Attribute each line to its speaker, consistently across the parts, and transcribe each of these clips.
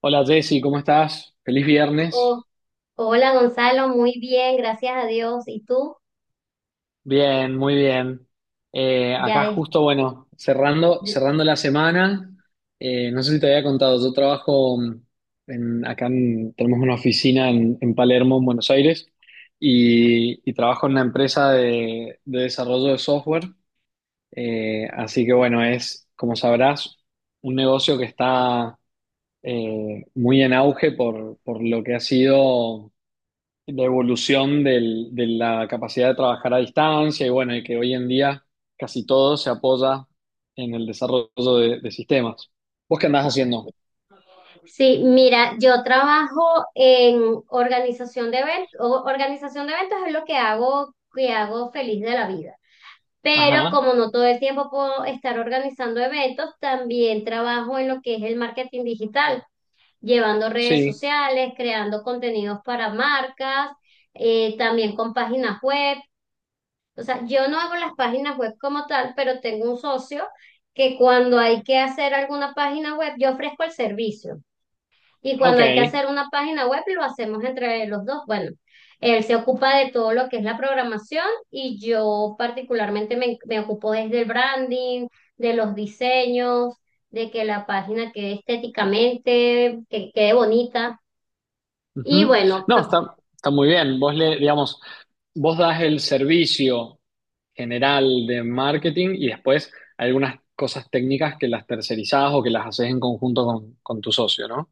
Speaker 1: Hola Jessy, ¿cómo estás? Feliz viernes.
Speaker 2: Oh, hola Gonzalo, muy bien, gracias a Dios. ¿Y tú?
Speaker 1: Bien, muy bien.
Speaker 2: Ya
Speaker 1: Acá
Speaker 2: es.
Speaker 1: justo, bueno, cerrando,
Speaker 2: de-
Speaker 1: cerrando la semana. No sé si te había contado, yo trabajo en, tenemos una oficina en Palermo, en Buenos Aires, y trabajo en una empresa de desarrollo de software. Así que bueno, es, como sabrás, un negocio que está muy en auge por lo que ha sido. La evolución de la capacidad de trabajar a distancia y bueno, y que hoy en día casi todo se apoya en el desarrollo de sistemas. ¿Vos qué andás haciendo?
Speaker 2: Sí, mira, yo trabajo en organización de eventos. Organización de eventos es lo que hago feliz de la vida. Pero
Speaker 1: Ajá,
Speaker 2: como no todo el tiempo puedo estar organizando eventos, también trabajo en lo que es el marketing digital, llevando redes
Speaker 1: sí,
Speaker 2: sociales, creando contenidos para marcas, también con páginas web. O sea, yo no hago las páginas web como tal, pero tengo un socio que cuando hay que hacer alguna página web, yo ofrezco el servicio. Y cuando hay que
Speaker 1: ok.
Speaker 2: hacer una página web, lo hacemos entre los dos. Bueno, él se ocupa de todo lo que es la programación y yo particularmente me ocupo desde el branding, de los diseños, de que la página quede estéticamente, que quede bonita. Y
Speaker 1: Ujú.
Speaker 2: bueno,
Speaker 1: No, está, está muy bien. Vos le, digamos, vos das el servicio general de marketing y después hay algunas cosas técnicas que las tercerizás o que las haces en conjunto con tu socio, ¿no?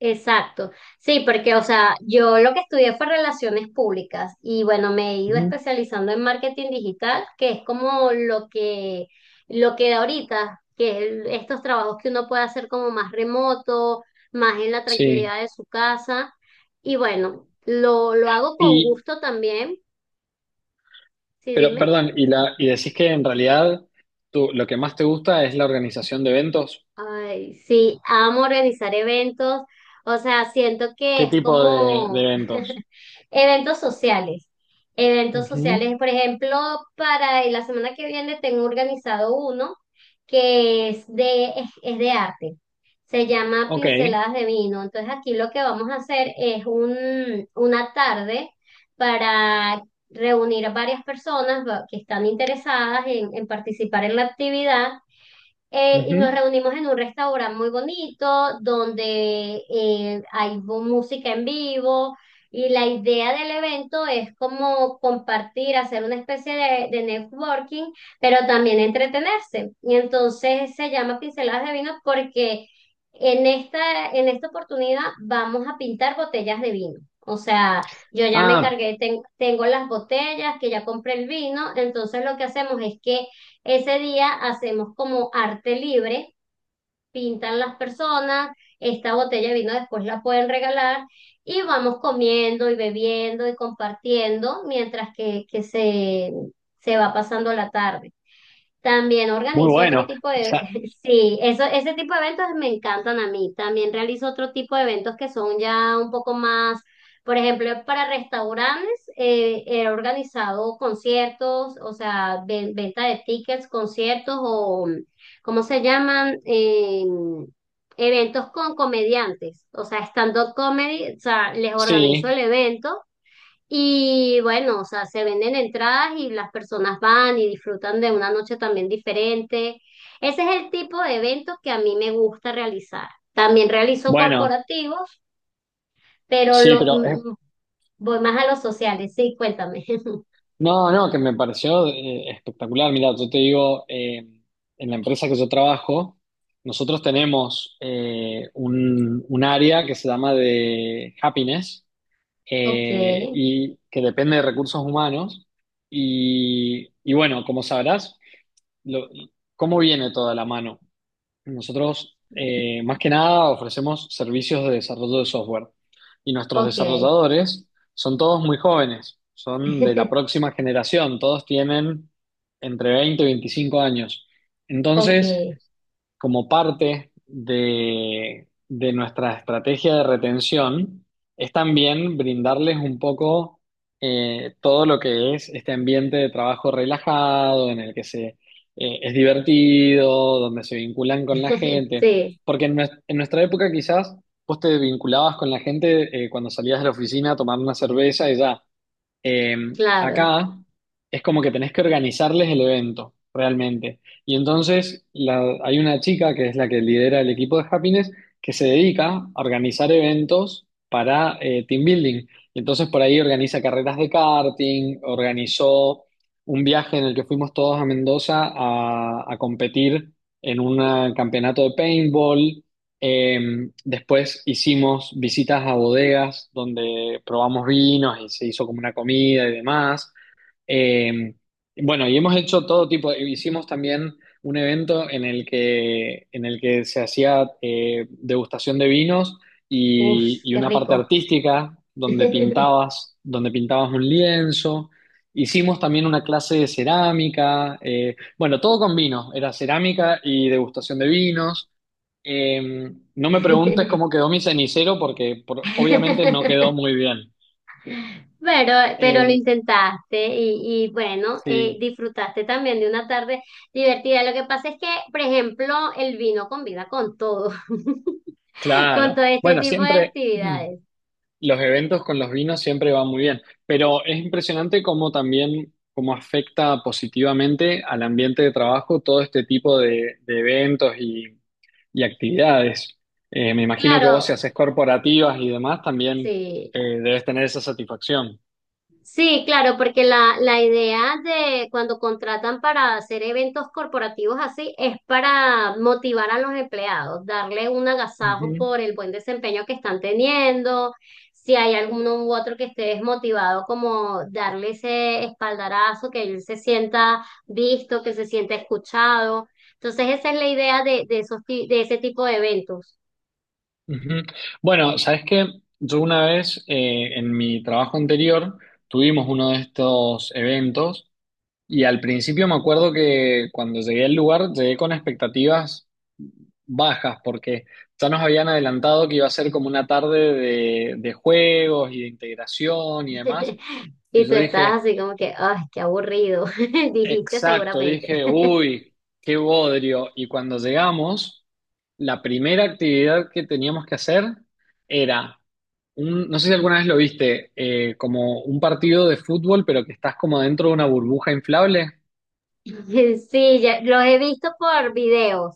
Speaker 2: exacto. Sí, porque, o sea, yo lo que estudié fue relaciones públicas y bueno, me he ido
Speaker 1: Ujú.
Speaker 2: especializando en marketing digital, que es como lo que da ahorita, estos trabajos que uno puede hacer como más remoto, más en la
Speaker 1: Sí.
Speaker 2: tranquilidad de su casa. Y bueno, lo hago con
Speaker 1: Y,
Speaker 2: gusto también. Sí,
Speaker 1: pero,
Speaker 2: dime.
Speaker 1: perdón, y, la, y decís que en realidad tú, lo que más te gusta es la organización de eventos.
Speaker 2: Ay, sí, amo organizar eventos. O sea, siento que
Speaker 1: ¿Qué
Speaker 2: es
Speaker 1: tipo de
Speaker 2: como
Speaker 1: eventos?
Speaker 2: eventos sociales. Eventos
Speaker 1: Ujú,
Speaker 2: sociales, por ejemplo, para la semana que viene tengo organizado uno que es de arte. Se llama
Speaker 1: ok,
Speaker 2: Pinceladas de Vino. Entonces aquí lo que vamos a hacer es una tarde para reunir a varias personas que están interesadas en participar en la actividad y nos
Speaker 1: ujú.
Speaker 2: reunimos en un restaurante muy bonito donde hay música en vivo y la idea del evento es como compartir, hacer una especie de networking, pero también entretenerse. Y entonces se llama Pinceladas de Vino porque en esta oportunidad vamos a pintar botellas de vino. O sea, yo ya me
Speaker 1: Ah,
Speaker 2: encargué, tengo las botellas, que ya compré el vino, entonces lo que hacemos es que ese día hacemos como arte libre, pintan las personas, esta botella de vino después la pueden regalar y vamos comiendo y bebiendo y compartiendo mientras que se va pasando la tarde. También
Speaker 1: muy
Speaker 2: organizo otro
Speaker 1: bueno.
Speaker 2: tipo
Speaker 1: O
Speaker 2: de,
Speaker 1: sea,
Speaker 2: sí, eso, ese tipo de eventos me encantan a mí. También realizo otro tipo de eventos que son ya un poco más, por ejemplo, para restaurantes, he organizado conciertos, o sea, venta de tickets, conciertos o, ¿cómo se llaman? Eventos con comediantes, o sea, stand-up comedy, o sea, les organizo
Speaker 1: sí,
Speaker 2: el evento. Y bueno, o sea, se venden entradas y las personas van y disfrutan de una noche también diferente. Ese es el tipo de eventos que a mí me gusta realizar. También realizo
Speaker 1: bueno,
Speaker 2: corporativos, pero
Speaker 1: sí,
Speaker 2: lo,
Speaker 1: pero
Speaker 2: voy más a los sociales. Sí, cuéntame.
Speaker 1: no, no, que me pareció espectacular. Mira, yo te digo, en la empresa que yo trabajo, nosotros tenemos un área que se llama de happiness
Speaker 2: Ok,
Speaker 1: y que depende de recursos humanos. Y bueno, como sabrás, lo- ¿cómo viene toda la mano? Nosotros, más que nada, ofrecemos servicios de desarrollo de software y nuestros
Speaker 2: ok,
Speaker 1: desarrolladores son todos muy jóvenes, son de la próxima generación, todos tienen entre 20 y 25 años.
Speaker 2: ok.
Speaker 1: Entonces, como parte de nuestra estrategia de retención es también brindarles un poco todo lo que es este ambiente de trabajo relajado, en el que se, es divertido, donde se vinculan con la gente.
Speaker 2: Sí,
Speaker 1: Porque en nuestra época quizás vos te vinculabas con la gente cuando salías de la oficina a tomar una cerveza y ya. Eh,
Speaker 2: claro.
Speaker 1: Acá es como que tenés que organizarles el evento, realmente. Y entonces hay una chica que es la que lidera el equipo de Happiness que se dedica a organizar eventos para team building. Y entonces por ahí organiza carreras de karting, organizó un viaje en el que fuimos todos a Mendoza a competir en un campeonato de paintball. Eh, Después hicimos visitas a bodegas donde probamos vinos y se hizo como una comida y demás. Eh, bueno, y hemos hecho todo tipo, hicimos también un evento en el que se hacía degustación de vinos
Speaker 2: Uf,
Speaker 1: y
Speaker 2: qué
Speaker 1: una parte
Speaker 2: rico.
Speaker 1: artística donde pintabas un lienzo. Hicimos también una clase de cerámica, bueno, todo con vinos, era cerámica y degustación de vinos. Eh, no me preguntes cómo quedó mi cenicero porque obviamente no quedó muy bien.
Speaker 2: Pero, pero lo
Speaker 1: Eh,
Speaker 2: intentaste y bueno,
Speaker 1: sí,
Speaker 2: disfrutaste también de una tarde divertida. Lo que pasa es que, por ejemplo, el vino combina con todo, con
Speaker 1: claro.
Speaker 2: todo este
Speaker 1: Bueno,
Speaker 2: tipo de
Speaker 1: siempre
Speaker 2: actividades.
Speaker 1: los eventos con los vinos siempre van muy bien, pero es impresionante cómo también cómo afecta positivamente al ambiente de trabajo todo este tipo de eventos y actividades. Me imagino que vos si
Speaker 2: Claro,
Speaker 1: haces corporativas y demás también
Speaker 2: sí.
Speaker 1: debes tener esa satisfacción.
Speaker 2: Sí, claro, porque la idea de cuando contratan para hacer eventos corporativos así es para motivar a los empleados, darle un agasajo
Speaker 1: Ujú.
Speaker 2: por el buen desempeño que están teniendo, si hay alguno u otro que esté desmotivado, como darle ese espaldarazo, que él se sienta visto, que se sienta escuchado. Entonces esa es la idea de esos, de ese tipo de eventos.
Speaker 1: Ujú. Bueno, sabes que yo una vez en mi trabajo anterior tuvimos uno de estos eventos y al principio me acuerdo que cuando llegué al lugar llegué con expectativas bajas porque ya nos habían adelantado que iba a ser como una tarde de juegos y de integración y demás. Y
Speaker 2: Y tú
Speaker 1: yo
Speaker 2: estás
Speaker 1: dije,
Speaker 2: así como que, ay, qué aburrido, dijiste
Speaker 1: exacto,
Speaker 2: seguramente.
Speaker 1: dije, uy, qué bodrio. Y cuando llegamos, la primera actividad que teníamos que hacer era no sé si alguna vez lo viste, como un partido de fútbol, pero que estás como dentro de una burbuja inflable.
Speaker 2: Sí, ya, los he visto por videos,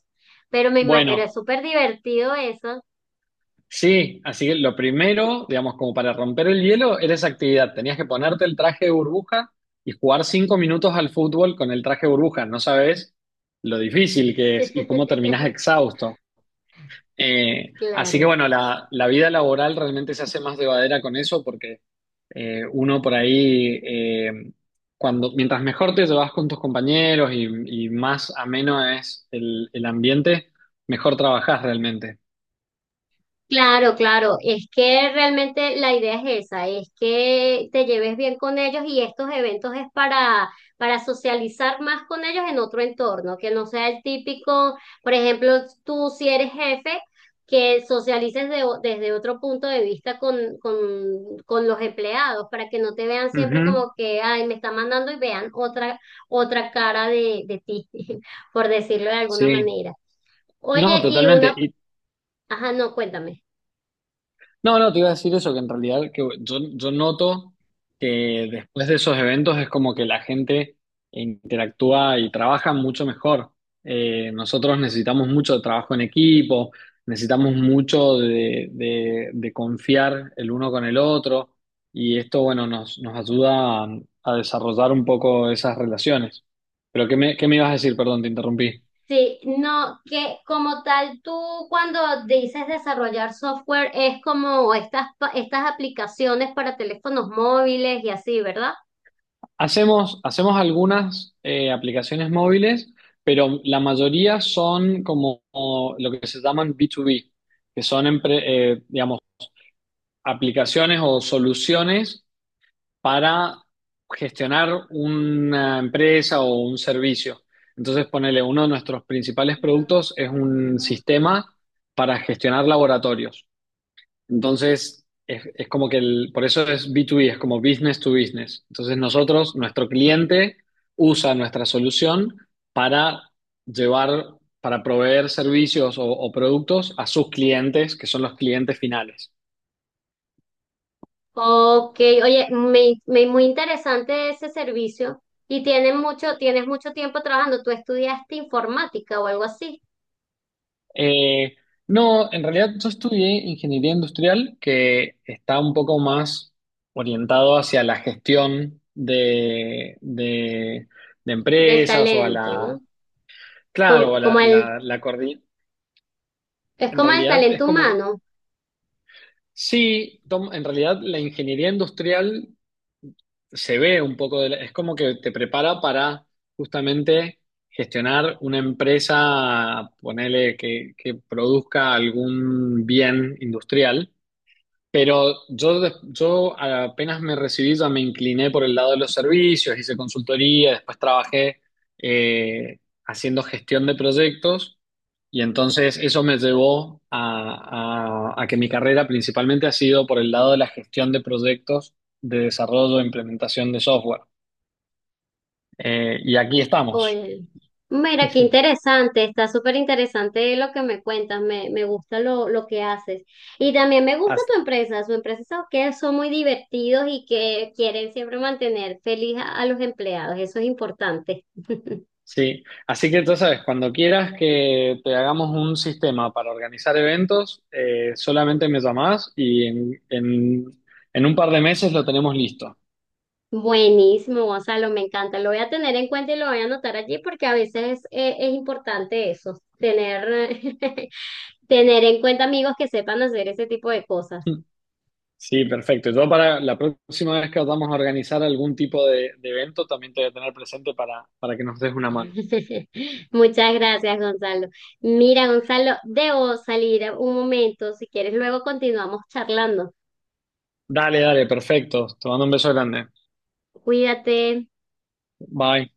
Speaker 2: pero, pero
Speaker 1: Bueno,
Speaker 2: es súper divertido eso.
Speaker 1: sí, así que lo primero, digamos, como para romper el hielo, era esa actividad. Tenías que ponerte el traje de burbuja y jugar 5 minutos al fútbol con el traje de burbuja. No sabes lo difícil que es y cómo terminás exhausto. Así que
Speaker 2: Claro.
Speaker 1: bueno, la vida laboral realmente se hace más llevadera con eso porque uno por ahí, mientras mejor te llevas con tus compañeros y más ameno es el ambiente, mejor trabajas realmente.
Speaker 2: Claro, claro, es que realmente la idea es esa, es que te lleves bien con ellos y estos eventos es para socializar más con ellos en otro entorno, que no sea el típico, por ejemplo, tú si eres jefe, que socialices desde otro punto de vista con los empleados, para que no te vean siempre
Speaker 1: Ujú,
Speaker 2: como que, ay, me está mandando y vean otra, otra cara de ti, por decirlo de alguna
Speaker 1: sí,
Speaker 2: manera.
Speaker 1: no,
Speaker 2: Oye, y
Speaker 1: totalmente.
Speaker 2: una,
Speaker 1: Y
Speaker 2: ajá, no, cuéntame.
Speaker 1: no, no, te iba a decir eso, que en realidad que yo noto que después de esos eventos es como que la gente interactúa y trabaja mucho mejor. Nosotros necesitamos mucho de trabajo en equipo, necesitamos mucho de confiar el uno con el otro y esto, bueno, nos, nos ayuda a desarrollar un poco esas relaciones. Pero qué me ibas a decir? Perdón, te interrumpí.
Speaker 2: Sí, no, que como tal, tú cuando dices desarrollar software es como estas, estas aplicaciones para teléfonos móviles y así, ¿verdad?
Speaker 1: Hacemos, hacemos algunas aplicaciones móviles, pero la mayoría son como lo que se llaman B2B, que son, digamos, aplicaciones o soluciones para gestionar una empresa o un servicio. Entonces, ponele, uno de nuestros principales productos es un sistema para gestionar laboratorios. Entonces, es como que el, por eso es B2B, es como business to business. Entonces, nosotros, nuestro cliente usa nuestra solución para llevar, para proveer servicios o productos a sus clientes, que son los clientes finales.
Speaker 2: Ok, oye, muy interesante ese servicio y tienen mucho, tienes mucho tiempo trabajando. Tú estudiaste informática o algo así,
Speaker 1: Eh, no, en realidad yo estudié ingeniería industrial, que está un poco más orientado hacia la gestión de
Speaker 2: del
Speaker 1: empresas o a
Speaker 2: talento,
Speaker 1: la,
Speaker 2: ¿no?
Speaker 1: claro,
Speaker 2: Como,
Speaker 1: a
Speaker 2: como
Speaker 1: la,
Speaker 2: el,
Speaker 1: la, la coordinación.
Speaker 2: es
Speaker 1: En
Speaker 2: como el
Speaker 1: realidad es
Speaker 2: talento
Speaker 1: como que,
Speaker 2: humano.
Speaker 1: sí, Tom, en realidad la ingeniería industrial se ve un poco es como que te prepara para justamente gestionar una empresa, ponele que produzca algún bien industrial, pero yo, yo apenas me recibí ya me incliné por el lado de los servicios, hice consultoría, después trabajé eh, haciendo gestión de proyectos y entonces eso me llevó a, a que mi carrera principalmente ha sido por el lado de la gestión de proyectos de desarrollo e implementación de software. Y aquí estamos.
Speaker 2: Oye, mira, qué interesante, está súper interesante lo que me cuentas, me gusta lo que haces. Y también me gusta
Speaker 1: As-
Speaker 2: tu empresa, su empresa son que son muy divertidos y que quieren siempre mantener feliz a los empleados, eso es importante.
Speaker 1: sí. Así que tú sabes, cuando quieras que te hagamos un sistema para organizar eventos, solamente me llamás y en un par de meses lo tenemos listo.
Speaker 2: Buenísimo, Gonzalo, me encanta, lo voy a tener en cuenta y lo voy a anotar allí porque a veces es importante eso, tener, tener en cuenta amigos que sepan hacer ese tipo de cosas.
Speaker 1: Sí, perfecto. Yo para la próxima vez que vamos a organizar algún tipo de evento, también te voy a tener presente para que nos des una mano.
Speaker 2: Muchas gracias, Gonzalo. Mira, Gonzalo, debo salir un momento. Si quieres, luego continuamos charlando.
Speaker 1: Dale, dale, perfecto. Te mando un beso grande.
Speaker 2: Cuídate.
Speaker 1: Bye.